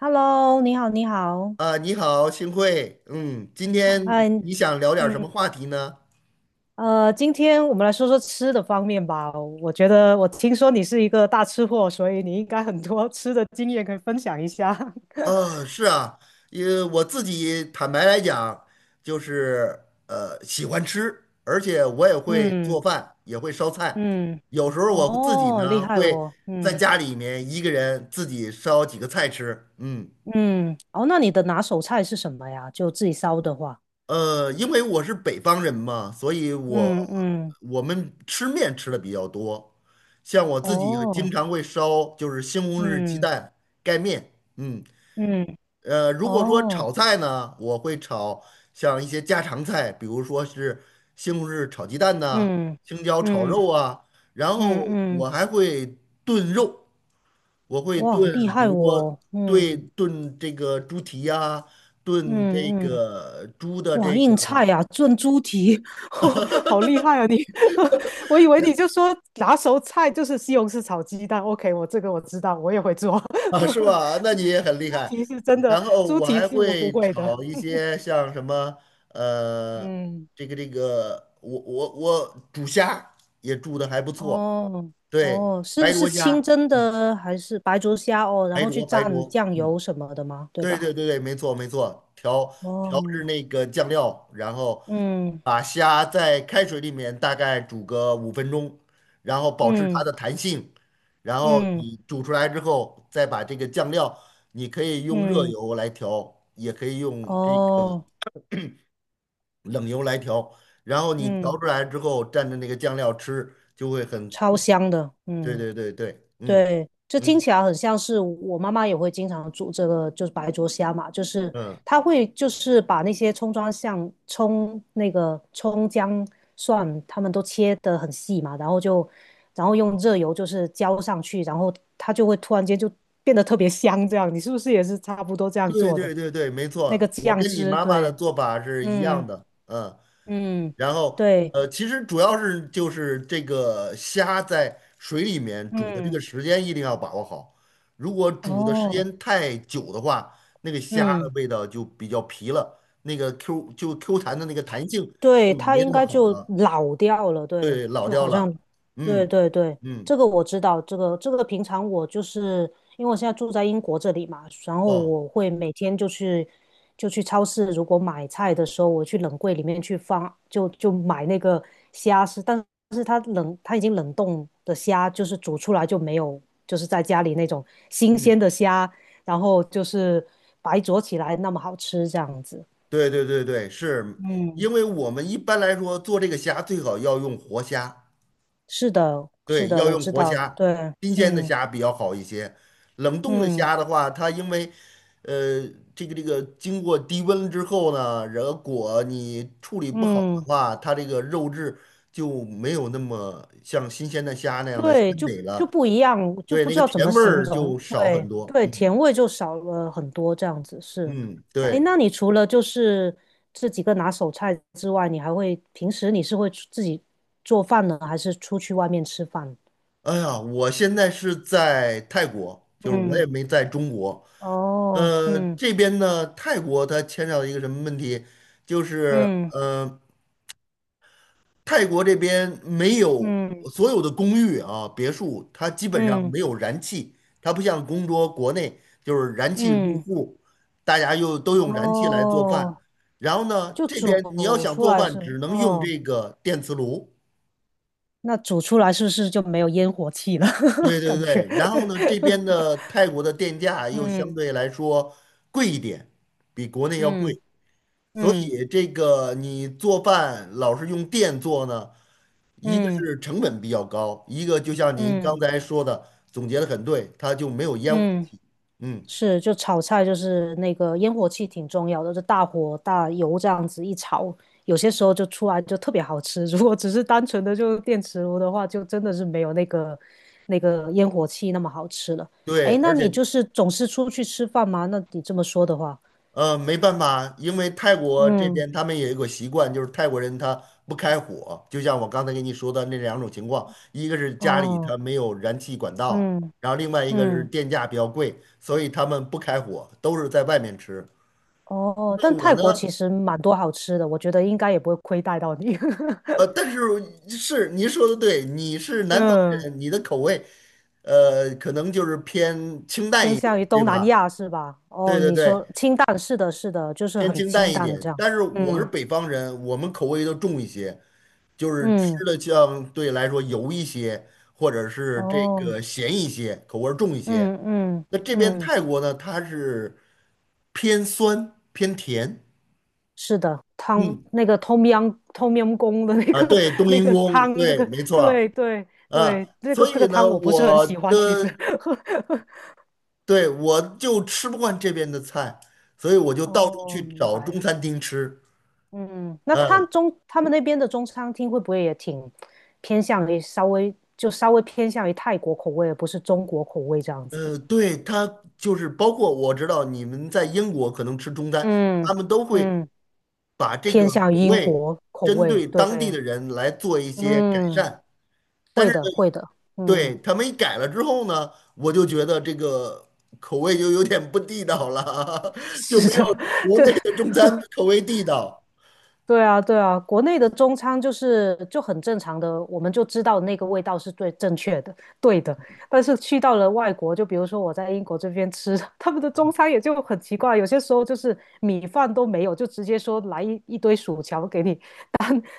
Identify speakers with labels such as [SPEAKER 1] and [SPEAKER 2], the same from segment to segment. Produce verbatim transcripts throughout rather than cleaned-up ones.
[SPEAKER 1] Hello，你好，你好，
[SPEAKER 2] 啊，你好，幸会。嗯，今
[SPEAKER 1] 嗨，
[SPEAKER 2] 天
[SPEAKER 1] 哎，
[SPEAKER 2] 你想聊点什么
[SPEAKER 1] 嗯，
[SPEAKER 2] 话题呢？
[SPEAKER 1] 呃，今天我们来说说吃的方面吧。我觉得我听说你是一个大吃货，所以你应该很多吃的经验可以分享一下。
[SPEAKER 2] 啊，是啊，因为我自己坦白来讲，就是呃喜欢吃，而且我也会
[SPEAKER 1] 嗯
[SPEAKER 2] 做饭，也会烧菜。
[SPEAKER 1] 嗯，
[SPEAKER 2] 有时候我自己
[SPEAKER 1] 哦，厉
[SPEAKER 2] 呢
[SPEAKER 1] 害
[SPEAKER 2] 会
[SPEAKER 1] 哦，
[SPEAKER 2] 在
[SPEAKER 1] 嗯
[SPEAKER 2] 家里面一个人自己烧几个菜吃。嗯。
[SPEAKER 1] 嗯，哦，那你的拿手菜是什么呀？就自己烧的话，
[SPEAKER 2] 呃，因为我是北方人嘛，所以我
[SPEAKER 1] 嗯嗯，
[SPEAKER 2] 我们吃面吃的比较多，像我自己经
[SPEAKER 1] 哦，
[SPEAKER 2] 常会烧，就是西红柿鸡
[SPEAKER 1] 嗯
[SPEAKER 2] 蛋盖面，嗯，
[SPEAKER 1] 嗯，
[SPEAKER 2] 呃，如果说
[SPEAKER 1] 哦，
[SPEAKER 2] 炒菜呢，我会炒像一些家常菜，比如说是西红柿炒鸡蛋呐、
[SPEAKER 1] 嗯
[SPEAKER 2] 青椒炒
[SPEAKER 1] 嗯
[SPEAKER 2] 肉啊，然
[SPEAKER 1] 嗯
[SPEAKER 2] 后
[SPEAKER 1] 嗯，嗯
[SPEAKER 2] 我还会炖肉，我会
[SPEAKER 1] 哇，厉
[SPEAKER 2] 炖，比
[SPEAKER 1] 害
[SPEAKER 2] 如说
[SPEAKER 1] 哦，
[SPEAKER 2] 对
[SPEAKER 1] 嗯
[SPEAKER 2] 炖这个猪蹄呀、炖这
[SPEAKER 1] 嗯嗯。
[SPEAKER 2] 个猪的
[SPEAKER 1] 哇，
[SPEAKER 2] 这
[SPEAKER 1] 硬
[SPEAKER 2] 个。
[SPEAKER 1] 菜呀、炖猪蹄，好厉害啊你！我以为你就说拿手菜就是西红柿炒鸡蛋。OK,我这个我知道，我也会做。
[SPEAKER 2] 啊，是 吧？那
[SPEAKER 1] 猪
[SPEAKER 2] 你也
[SPEAKER 1] 蹄，
[SPEAKER 2] 很厉
[SPEAKER 1] 猪
[SPEAKER 2] 害。
[SPEAKER 1] 蹄是真的，
[SPEAKER 2] 然后
[SPEAKER 1] 猪
[SPEAKER 2] 我
[SPEAKER 1] 蹄
[SPEAKER 2] 还
[SPEAKER 1] 是我不
[SPEAKER 2] 会
[SPEAKER 1] 会的。
[SPEAKER 2] 炒一 些像什么，呃，
[SPEAKER 1] 嗯，
[SPEAKER 2] 这个这个，我我我煮虾也煮的还不错，
[SPEAKER 1] 哦，
[SPEAKER 2] 对，
[SPEAKER 1] 哦，
[SPEAKER 2] 白
[SPEAKER 1] 是是
[SPEAKER 2] 灼
[SPEAKER 1] 清
[SPEAKER 2] 虾，
[SPEAKER 1] 蒸的还是白灼虾哦？然
[SPEAKER 2] 白
[SPEAKER 1] 后去
[SPEAKER 2] 灼白
[SPEAKER 1] 蘸
[SPEAKER 2] 灼，
[SPEAKER 1] 酱
[SPEAKER 2] 嗯，
[SPEAKER 1] 油什么的吗？对
[SPEAKER 2] 对
[SPEAKER 1] 吧？
[SPEAKER 2] 对对对，没错没错，调调
[SPEAKER 1] 哦，
[SPEAKER 2] 制那个酱料，然后
[SPEAKER 1] 嗯
[SPEAKER 2] 把虾在开水里面大概煮个五分钟，然后保持它
[SPEAKER 1] 嗯
[SPEAKER 2] 的弹性，然后
[SPEAKER 1] 嗯
[SPEAKER 2] 你煮出来之后，再把这个酱料，你可以用热
[SPEAKER 1] 嗯，
[SPEAKER 2] 油来调，也可以用这个
[SPEAKER 1] 哦，
[SPEAKER 2] 冷油来调，然后你调
[SPEAKER 1] 嗯，
[SPEAKER 2] 出来之后蘸着那个酱料吃，就会很，
[SPEAKER 1] 超香的，
[SPEAKER 2] 对
[SPEAKER 1] 嗯。
[SPEAKER 2] 对对对，嗯
[SPEAKER 1] 对，这听
[SPEAKER 2] 嗯
[SPEAKER 1] 起来很像是我妈妈也会经常煮这个，就是白灼虾嘛，就是
[SPEAKER 2] 嗯，
[SPEAKER 1] 她会就是把那些葱抓像葱那个葱姜蒜，他们都切得很细嘛，然后就然后用热油就是浇上去，然后它就会突然间就变得特别香，这样你是不是也是差不多这样
[SPEAKER 2] 对
[SPEAKER 1] 做的？
[SPEAKER 2] 对对对，没
[SPEAKER 1] 那个
[SPEAKER 2] 错，我
[SPEAKER 1] 酱
[SPEAKER 2] 跟你
[SPEAKER 1] 汁，
[SPEAKER 2] 妈妈的
[SPEAKER 1] 对，
[SPEAKER 2] 做法是一样
[SPEAKER 1] 嗯
[SPEAKER 2] 的。嗯。
[SPEAKER 1] 嗯，
[SPEAKER 2] 然后
[SPEAKER 1] 对，
[SPEAKER 2] 呃，其实主要是就是这个虾在水里面煮的这个
[SPEAKER 1] 嗯，
[SPEAKER 2] 时间一定要把握好，如果煮的时
[SPEAKER 1] 哦，
[SPEAKER 2] 间太久的话，那个虾的
[SPEAKER 1] 嗯。
[SPEAKER 2] 味道就比较皮了，那个 Q 就 Q 弹的那个弹性
[SPEAKER 1] 对，
[SPEAKER 2] 就
[SPEAKER 1] 它
[SPEAKER 2] 没那
[SPEAKER 1] 应
[SPEAKER 2] 么
[SPEAKER 1] 该
[SPEAKER 2] 好
[SPEAKER 1] 就
[SPEAKER 2] 了，
[SPEAKER 1] 老掉了，对，
[SPEAKER 2] 对，老
[SPEAKER 1] 就
[SPEAKER 2] 掉
[SPEAKER 1] 好像，
[SPEAKER 2] 了。
[SPEAKER 1] 对
[SPEAKER 2] 嗯
[SPEAKER 1] 对对，
[SPEAKER 2] 嗯
[SPEAKER 1] 这个我知道，这个这个平常我就是因为我现在住在英国这里嘛，然后
[SPEAKER 2] 哦
[SPEAKER 1] 我会每天就去就去超市，如果买菜的时候，我去冷柜里面去放，就就买那个虾是，但是它冷它已经冷冻的虾，就是煮出来就没有，就是在家里那种新
[SPEAKER 2] 嗯，
[SPEAKER 1] 鲜的虾，然后就是白灼起来那么好吃这样子，
[SPEAKER 2] 对对对对，是
[SPEAKER 1] 嗯，
[SPEAKER 2] 因为我们一般来说做这个虾最好要用活虾。
[SPEAKER 1] 是的，是
[SPEAKER 2] 对，
[SPEAKER 1] 的，
[SPEAKER 2] 要
[SPEAKER 1] 我
[SPEAKER 2] 用
[SPEAKER 1] 知
[SPEAKER 2] 活
[SPEAKER 1] 道，
[SPEAKER 2] 虾，
[SPEAKER 1] 对，
[SPEAKER 2] 新鲜的
[SPEAKER 1] 嗯
[SPEAKER 2] 虾比较好一些。冷冻的
[SPEAKER 1] 嗯
[SPEAKER 2] 虾的话，它因为呃这个这个经过低温之后呢，如果你处理不好的
[SPEAKER 1] 嗯，
[SPEAKER 2] 话，它这个肉质就没有那么像新鲜的虾那样的鲜
[SPEAKER 1] 对，就
[SPEAKER 2] 美
[SPEAKER 1] 就
[SPEAKER 2] 了。
[SPEAKER 1] 不一样，就
[SPEAKER 2] 对，
[SPEAKER 1] 不
[SPEAKER 2] 那
[SPEAKER 1] 知
[SPEAKER 2] 个
[SPEAKER 1] 道怎
[SPEAKER 2] 甜
[SPEAKER 1] 么
[SPEAKER 2] 味
[SPEAKER 1] 形
[SPEAKER 2] 儿就
[SPEAKER 1] 容，
[SPEAKER 2] 少很
[SPEAKER 1] 对
[SPEAKER 2] 多。
[SPEAKER 1] 对，
[SPEAKER 2] 嗯
[SPEAKER 1] 甜味就少了很多，这样子是。
[SPEAKER 2] 嗯，
[SPEAKER 1] 哎，
[SPEAKER 2] 对。
[SPEAKER 1] 那你除了就是这几个拿手菜之外，你还会平时你是会出自己做饭呢，还是出去外面吃饭？
[SPEAKER 2] 哎呀，我现在是在泰国，就是我也
[SPEAKER 1] 嗯，
[SPEAKER 2] 没在中国。
[SPEAKER 1] 哦，
[SPEAKER 2] 呃，
[SPEAKER 1] 嗯
[SPEAKER 2] 这边呢，泰国它牵扯到一个什么问题，就是
[SPEAKER 1] 嗯
[SPEAKER 2] 呃，泰国这边没有
[SPEAKER 1] 嗯
[SPEAKER 2] 所有的公寓啊、别墅，它基本上
[SPEAKER 1] 嗯
[SPEAKER 2] 没有燃气，它不像中国国内就是燃气入
[SPEAKER 1] 嗯，
[SPEAKER 2] 户，大家又都用燃气来做饭。
[SPEAKER 1] 哦，
[SPEAKER 2] 然后呢，
[SPEAKER 1] 就
[SPEAKER 2] 这
[SPEAKER 1] 煮
[SPEAKER 2] 边你要想
[SPEAKER 1] 出
[SPEAKER 2] 做
[SPEAKER 1] 来
[SPEAKER 2] 饭，
[SPEAKER 1] 是，
[SPEAKER 2] 只能用
[SPEAKER 1] 哦。
[SPEAKER 2] 这个电磁炉。
[SPEAKER 1] 那煮出来是不是就没有烟火气了？
[SPEAKER 2] 对 对
[SPEAKER 1] 感觉，
[SPEAKER 2] 对，然后呢，这边 的泰国的电价又相
[SPEAKER 1] 嗯
[SPEAKER 2] 对来说贵一点，比国内要
[SPEAKER 1] 嗯
[SPEAKER 2] 贵，所
[SPEAKER 1] 嗯
[SPEAKER 2] 以这个你做饭老是用电做呢，一个
[SPEAKER 1] 嗯
[SPEAKER 2] 是成本比较高，一个就像您刚
[SPEAKER 1] 嗯
[SPEAKER 2] 才说的，总结的很对，它就没有烟火
[SPEAKER 1] 嗯，
[SPEAKER 2] 气。嗯，
[SPEAKER 1] 是，就炒菜就是那个烟火气挺重要的，就大火大油这样子一炒，有些时候就出来就特别好吃。如果只是单纯的就电磁炉的话，就真的是没有那个那个烟火气那么好吃了。
[SPEAKER 2] 对，
[SPEAKER 1] 哎，那
[SPEAKER 2] 而
[SPEAKER 1] 你
[SPEAKER 2] 且
[SPEAKER 1] 就是总是出去吃饭吗？那你这么说的话，
[SPEAKER 2] 呃，没办法，因为泰国这
[SPEAKER 1] 嗯，
[SPEAKER 2] 边他们有一个习惯，就是泰国人他不开火，就像我刚才跟你说的那两种情况，一个是家里
[SPEAKER 1] 哦，
[SPEAKER 2] 他没有燃气管道，
[SPEAKER 1] 嗯
[SPEAKER 2] 然后另外一个是
[SPEAKER 1] 嗯。
[SPEAKER 2] 电价比较贵，所以他们不开火，都是在外面吃。
[SPEAKER 1] 哦，
[SPEAKER 2] 那
[SPEAKER 1] 但
[SPEAKER 2] 我
[SPEAKER 1] 泰
[SPEAKER 2] 呢，
[SPEAKER 1] 国其实蛮多好吃的，我觉得应该也不会亏待到你。
[SPEAKER 2] 呃，但 是是您说的对，你是南方
[SPEAKER 1] 嗯，
[SPEAKER 2] 人，你的口味呃可能就是偏清淡
[SPEAKER 1] 偏
[SPEAKER 2] 一
[SPEAKER 1] 向
[SPEAKER 2] 点，
[SPEAKER 1] 于
[SPEAKER 2] 对
[SPEAKER 1] 东南
[SPEAKER 2] 吧？
[SPEAKER 1] 亚是吧？
[SPEAKER 2] 对
[SPEAKER 1] 哦，
[SPEAKER 2] 对
[SPEAKER 1] 你
[SPEAKER 2] 对，
[SPEAKER 1] 说清淡，是的，是的，就是
[SPEAKER 2] 偏
[SPEAKER 1] 很
[SPEAKER 2] 清
[SPEAKER 1] 清
[SPEAKER 2] 淡一
[SPEAKER 1] 淡这
[SPEAKER 2] 点。
[SPEAKER 1] 样。
[SPEAKER 2] 但是我是
[SPEAKER 1] 嗯
[SPEAKER 2] 北方人，我们口味都重一些。就是
[SPEAKER 1] 嗯，
[SPEAKER 2] 吃的相对来说油一些，或者是这
[SPEAKER 1] 哦，
[SPEAKER 2] 个咸一些，口味儿重一些。
[SPEAKER 1] 嗯嗯
[SPEAKER 2] 那这边
[SPEAKER 1] 嗯，
[SPEAKER 2] 泰国呢，它是偏酸偏甜。
[SPEAKER 1] 是的，汤
[SPEAKER 2] 嗯，
[SPEAKER 1] 那个 tom yum tom yum 公的那
[SPEAKER 2] 啊，
[SPEAKER 1] 个
[SPEAKER 2] 对，冬
[SPEAKER 1] 那
[SPEAKER 2] 阴
[SPEAKER 1] 个
[SPEAKER 2] 功，
[SPEAKER 1] 汤，这
[SPEAKER 2] 对，
[SPEAKER 1] 个
[SPEAKER 2] 没错儿。
[SPEAKER 1] 对对，
[SPEAKER 2] 啊，
[SPEAKER 1] 对，这个
[SPEAKER 2] 所
[SPEAKER 1] 这个
[SPEAKER 2] 以
[SPEAKER 1] 汤
[SPEAKER 2] 呢，
[SPEAKER 1] 我不是很
[SPEAKER 2] 我
[SPEAKER 1] 喜欢，其实。
[SPEAKER 2] 的，对，我就吃不惯这边的菜，所以我就到处
[SPEAKER 1] 哦，
[SPEAKER 2] 去
[SPEAKER 1] 明
[SPEAKER 2] 找
[SPEAKER 1] 白。
[SPEAKER 2] 中餐厅吃。
[SPEAKER 1] 嗯，那他
[SPEAKER 2] 嗯，
[SPEAKER 1] 中他们那边的中餐厅会不会也挺偏向于稍微就稍微偏向于泰国口味，而不是中国口味这样子？
[SPEAKER 2] 呃，对，它就是包括我知道你们在英国可能吃中餐，
[SPEAKER 1] 嗯
[SPEAKER 2] 他们都会。
[SPEAKER 1] 嗯，
[SPEAKER 2] 把这个
[SPEAKER 1] 偏向于
[SPEAKER 2] 口
[SPEAKER 1] 英
[SPEAKER 2] 味
[SPEAKER 1] 国口
[SPEAKER 2] 针
[SPEAKER 1] 味，
[SPEAKER 2] 对当地
[SPEAKER 1] 对，
[SPEAKER 2] 的人来做一些改
[SPEAKER 1] 嗯，
[SPEAKER 2] 善。但
[SPEAKER 1] 会
[SPEAKER 2] 是
[SPEAKER 1] 的
[SPEAKER 2] 呢
[SPEAKER 1] 会的，
[SPEAKER 2] 对，
[SPEAKER 1] 嗯，
[SPEAKER 2] 他们一改了之后呢，我就觉得这个口味就有点不地道了，就
[SPEAKER 1] 是
[SPEAKER 2] 没
[SPEAKER 1] 的，
[SPEAKER 2] 有 国
[SPEAKER 1] 这
[SPEAKER 2] 内的中餐口味地道。
[SPEAKER 1] 对啊，对啊，国内的中餐就是就很正常的，我们就知道那个味道是最正确的，对的。但是去到了外国，就比如说我在英国这边吃，他们的中餐也就很奇怪，有些时候就是米饭都没有，就直接说来一一堆薯条给你，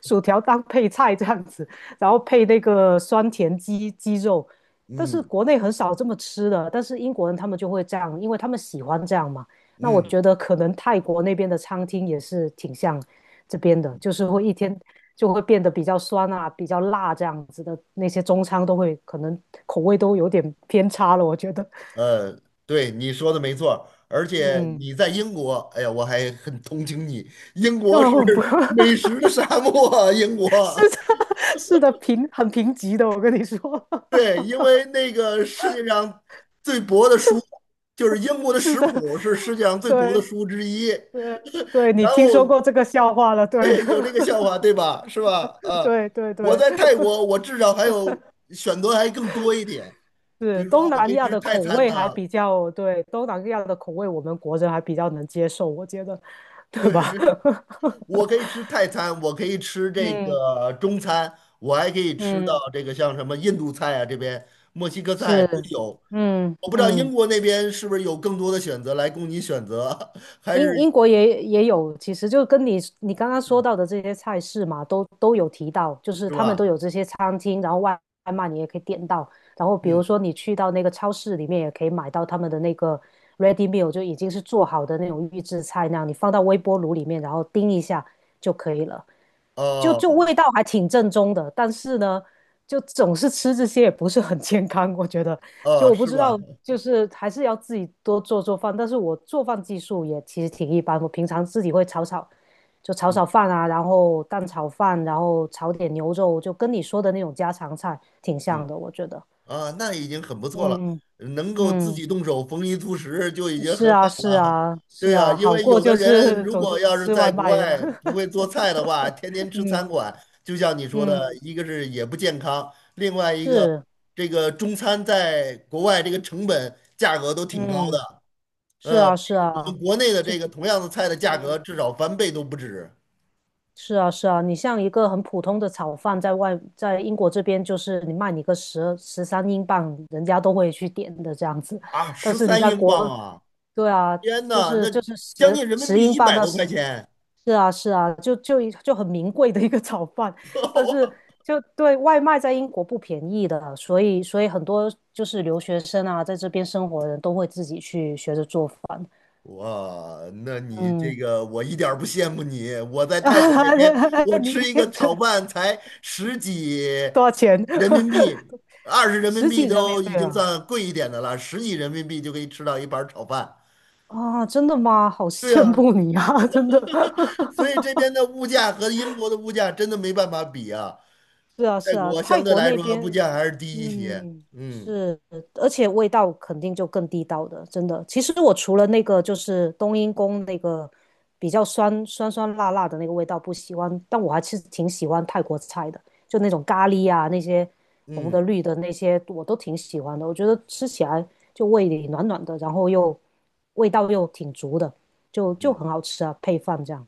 [SPEAKER 1] 薯条当配菜这样子，然后配那个酸甜鸡鸡肉。但是
[SPEAKER 2] 嗯
[SPEAKER 1] 国内很少这么吃的，但是英国人他们就会这样，因为他们喜欢这样嘛。那我
[SPEAKER 2] 嗯，
[SPEAKER 1] 觉得可能泰国那边的餐厅也是挺像这边的，就是会一天就会变得比较酸啊、比较辣这样子的，那些中餐都会可能口味都有点偏差了，我觉得。
[SPEAKER 2] 呃，对，你说的没错儿而且
[SPEAKER 1] 嗯，
[SPEAKER 2] 你在英国，哎呀，我还很同情你，英 国是
[SPEAKER 1] 哦，不，
[SPEAKER 2] 美食的沙漠啊英国。
[SPEAKER 1] 是的，是的，贫很贫瘠的，我跟你说。
[SPEAKER 2] 对，因为 那个世界上最薄的书，就是英国的
[SPEAKER 1] 是
[SPEAKER 2] 食
[SPEAKER 1] 的，
[SPEAKER 2] 谱是世 界上最薄的
[SPEAKER 1] 对
[SPEAKER 2] 书之一。
[SPEAKER 1] 对对，你
[SPEAKER 2] 然
[SPEAKER 1] 听说
[SPEAKER 2] 后，
[SPEAKER 1] 过这个笑话了？对的
[SPEAKER 2] 对，有这个笑话，对吧？是吧？啊，
[SPEAKER 1] 对对
[SPEAKER 2] 我
[SPEAKER 1] 对，
[SPEAKER 2] 在泰国，我至少还有选择还更多一点，比
[SPEAKER 1] 是
[SPEAKER 2] 如说
[SPEAKER 1] 东
[SPEAKER 2] 我可
[SPEAKER 1] 南
[SPEAKER 2] 以
[SPEAKER 1] 亚
[SPEAKER 2] 吃
[SPEAKER 1] 的
[SPEAKER 2] 泰
[SPEAKER 1] 口
[SPEAKER 2] 餐
[SPEAKER 1] 味
[SPEAKER 2] 呐、
[SPEAKER 1] 还比较，对，东南亚的口味我们国人还比较能接受，我觉得，对
[SPEAKER 2] 对，
[SPEAKER 1] 吧？
[SPEAKER 2] 我 可以吃泰餐，我可以吃这
[SPEAKER 1] 嗯
[SPEAKER 2] 个中餐，我还可以吃到
[SPEAKER 1] 嗯，
[SPEAKER 2] 这个像什么印度菜啊，这边墨西哥菜都
[SPEAKER 1] 是，
[SPEAKER 2] 有。
[SPEAKER 1] 嗯
[SPEAKER 2] 我不知道英
[SPEAKER 1] 嗯。
[SPEAKER 2] 国那边是不是有更多的选择来供你选择，还
[SPEAKER 1] 英
[SPEAKER 2] 是
[SPEAKER 1] 英国也也有，其实就跟你你刚刚说到的这些菜式嘛，都都有提到，就是
[SPEAKER 2] 是
[SPEAKER 1] 他们都
[SPEAKER 2] 吧？
[SPEAKER 1] 有这些餐厅，然后外外卖你也可以点到，然后比如
[SPEAKER 2] 嗯，
[SPEAKER 1] 说你去到那个超市里面也可以买到他们的那个 ready meal,就已经是做好的那种预制菜那样，你放到微波炉里面，然后叮一下就可以了。就就
[SPEAKER 2] 哦，
[SPEAKER 1] 味道还挺正宗的，但是呢，就总是吃这些也不是很健康，我觉得。就
[SPEAKER 2] 哦，
[SPEAKER 1] 我不
[SPEAKER 2] 是
[SPEAKER 1] 知
[SPEAKER 2] 吧？
[SPEAKER 1] 道，就是还是要自己多做做饭，但是我做饭技术也其实挺一般，我平常自己会炒炒，就炒
[SPEAKER 2] 嗯
[SPEAKER 1] 炒饭啊，然后蛋炒饭，然后炒点牛肉，就跟你说的那种家常菜挺
[SPEAKER 2] 嗯，
[SPEAKER 1] 像的，我觉得。
[SPEAKER 2] 啊，那已经很不错了，
[SPEAKER 1] 嗯
[SPEAKER 2] 能够自
[SPEAKER 1] 嗯，
[SPEAKER 2] 己动手丰衣足食就已经
[SPEAKER 1] 是
[SPEAKER 2] 很好
[SPEAKER 1] 啊是
[SPEAKER 2] 了。
[SPEAKER 1] 啊是
[SPEAKER 2] 对呀，
[SPEAKER 1] 啊，
[SPEAKER 2] 因
[SPEAKER 1] 好
[SPEAKER 2] 为
[SPEAKER 1] 过
[SPEAKER 2] 有的
[SPEAKER 1] 就
[SPEAKER 2] 人
[SPEAKER 1] 是
[SPEAKER 2] 如
[SPEAKER 1] 总
[SPEAKER 2] 果
[SPEAKER 1] 是
[SPEAKER 2] 要是
[SPEAKER 1] 吃外
[SPEAKER 2] 在国
[SPEAKER 1] 卖了。
[SPEAKER 2] 外不 会做菜的话，天天吃餐
[SPEAKER 1] 嗯
[SPEAKER 2] 馆，就像你说的，
[SPEAKER 1] 嗯，
[SPEAKER 2] 一个是也不健康，另外一个
[SPEAKER 1] 是
[SPEAKER 2] 这个中餐在国外这个成本价格都挺高
[SPEAKER 1] 嗯。
[SPEAKER 2] 的，
[SPEAKER 1] 是
[SPEAKER 2] 呃，
[SPEAKER 1] 啊，是
[SPEAKER 2] 比我
[SPEAKER 1] 啊，
[SPEAKER 2] 们国内的这个同样的菜的价格
[SPEAKER 1] 嗯，
[SPEAKER 2] 至少翻倍都不止
[SPEAKER 1] 是啊，是啊，你像一个很普通的炒饭，在外，在英国这边，就是你卖你个十十三英镑，人家都会去点的这样子。
[SPEAKER 2] 啊，
[SPEAKER 1] 但
[SPEAKER 2] 十
[SPEAKER 1] 是你
[SPEAKER 2] 三
[SPEAKER 1] 在
[SPEAKER 2] 英镑
[SPEAKER 1] 国，
[SPEAKER 2] 啊！
[SPEAKER 1] 对啊，
[SPEAKER 2] 天
[SPEAKER 1] 就
[SPEAKER 2] 呐，
[SPEAKER 1] 是
[SPEAKER 2] 那
[SPEAKER 1] 就是
[SPEAKER 2] 将
[SPEAKER 1] 十
[SPEAKER 2] 近人民
[SPEAKER 1] 十
[SPEAKER 2] 币
[SPEAKER 1] 英
[SPEAKER 2] 一
[SPEAKER 1] 镑
[SPEAKER 2] 百
[SPEAKER 1] 到
[SPEAKER 2] 多块
[SPEAKER 1] 十，
[SPEAKER 2] 钱，
[SPEAKER 1] 是啊是啊，就就一就很名贵的一个炒饭。但是 就对外卖在英国不便宜的，所以所以很多就是留学生啊，在这边生活的人都会自己去学着做饭。
[SPEAKER 2] 哇，那你
[SPEAKER 1] 嗯，
[SPEAKER 2] 这个我一点儿不羡慕你。我在泰国那边，我
[SPEAKER 1] 你
[SPEAKER 2] 吃一个
[SPEAKER 1] 对
[SPEAKER 2] 炒饭才十几
[SPEAKER 1] 多少钱？
[SPEAKER 2] 人民币，二十人民
[SPEAKER 1] 十几
[SPEAKER 2] 币
[SPEAKER 1] 人民
[SPEAKER 2] 都
[SPEAKER 1] 币
[SPEAKER 2] 已经
[SPEAKER 1] 啊！
[SPEAKER 2] 算贵一点的了，十几人民币就可以吃到一盘儿炒饭。
[SPEAKER 1] 啊，真的吗？好
[SPEAKER 2] 对
[SPEAKER 1] 羡
[SPEAKER 2] 呀，
[SPEAKER 1] 慕你啊，真的。
[SPEAKER 2] 所以 这边的物价和英国的物价真的没办法比啊。
[SPEAKER 1] 是啊，
[SPEAKER 2] 泰
[SPEAKER 1] 是啊，
[SPEAKER 2] 国相
[SPEAKER 1] 泰
[SPEAKER 2] 对
[SPEAKER 1] 国
[SPEAKER 2] 来
[SPEAKER 1] 那
[SPEAKER 2] 说物
[SPEAKER 1] 边，
[SPEAKER 2] 价还是低一些。
[SPEAKER 1] 嗯，
[SPEAKER 2] 嗯
[SPEAKER 1] 是，而且味道肯定就更地道的，真的。其实我除了那个就是冬阴功那个比较酸酸酸辣辣的那个味道不喜欢，但我还是挺喜欢泰国菜的，就那种咖喱啊，那些红的
[SPEAKER 2] 嗯
[SPEAKER 1] 绿的那些我都挺喜欢的。我觉得吃起来就胃里暖暖的，然后又味道又挺足的，就就
[SPEAKER 2] 嗯。
[SPEAKER 1] 很好吃啊，配饭这样。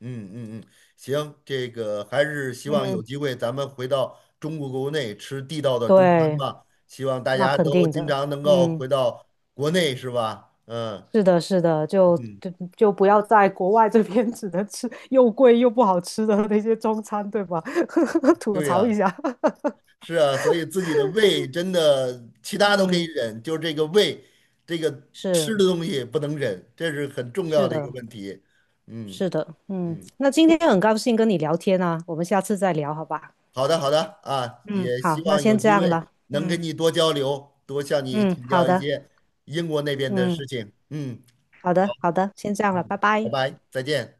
[SPEAKER 2] 嗯嗯嗯，行，这个还是希望有
[SPEAKER 1] 嗯，
[SPEAKER 2] 机会咱们回到中国国内吃地道的中餐
[SPEAKER 1] 对，
[SPEAKER 2] 吧。希望大
[SPEAKER 1] 那
[SPEAKER 2] 家
[SPEAKER 1] 肯
[SPEAKER 2] 都
[SPEAKER 1] 定
[SPEAKER 2] 经
[SPEAKER 1] 的，
[SPEAKER 2] 常能够回
[SPEAKER 1] 嗯。
[SPEAKER 2] 到国内，是吧？嗯
[SPEAKER 1] 是的，是的，就
[SPEAKER 2] 嗯，
[SPEAKER 1] 就就不要在国外这边 只能吃又贵又不好吃的那些中餐，对吧？吐
[SPEAKER 2] 对
[SPEAKER 1] 槽一
[SPEAKER 2] 呀，
[SPEAKER 1] 下。
[SPEAKER 2] 是啊，所以自己的胃真的其他都可以
[SPEAKER 1] 嗯，
[SPEAKER 2] 忍，就这个胃，这个吃的
[SPEAKER 1] 是
[SPEAKER 2] 东西不能忍，这是很重要
[SPEAKER 1] 是
[SPEAKER 2] 的一个
[SPEAKER 1] 的，
[SPEAKER 2] 问题。嗯
[SPEAKER 1] 是的，嗯，
[SPEAKER 2] 嗯。
[SPEAKER 1] 那今天很高兴跟你聊天啊，我们下次再聊，好吧？
[SPEAKER 2] 好的，好的啊，
[SPEAKER 1] 嗯，
[SPEAKER 2] 也希
[SPEAKER 1] 好，那
[SPEAKER 2] 望有
[SPEAKER 1] 先这
[SPEAKER 2] 机
[SPEAKER 1] 样
[SPEAKER 2] 会
[SPEAKER 1] 了。
[SPEAKER 2] 能跟
[SPEAKER 1] 嗯
[SPEAKER 2] 你多交流，多向你
[SPEAKER 1] 嗯，
[SPEAKER 2] 请
[SPEAKER 1] 好
[SPEAKER 2] 教一
[SPEAKER 1] 的，
[SPEAKER 2] 些英国那边的
[SPEAKER 1] 嗯，
[SPEAKER 2] 事情。嗯
[SPEAKER 1] 好的，好的，先这样了，拜
[SPEAKER 2] 嗯，拜
[SPEAKER 1] 拜。
[SPEAKER 2] 拜，再见。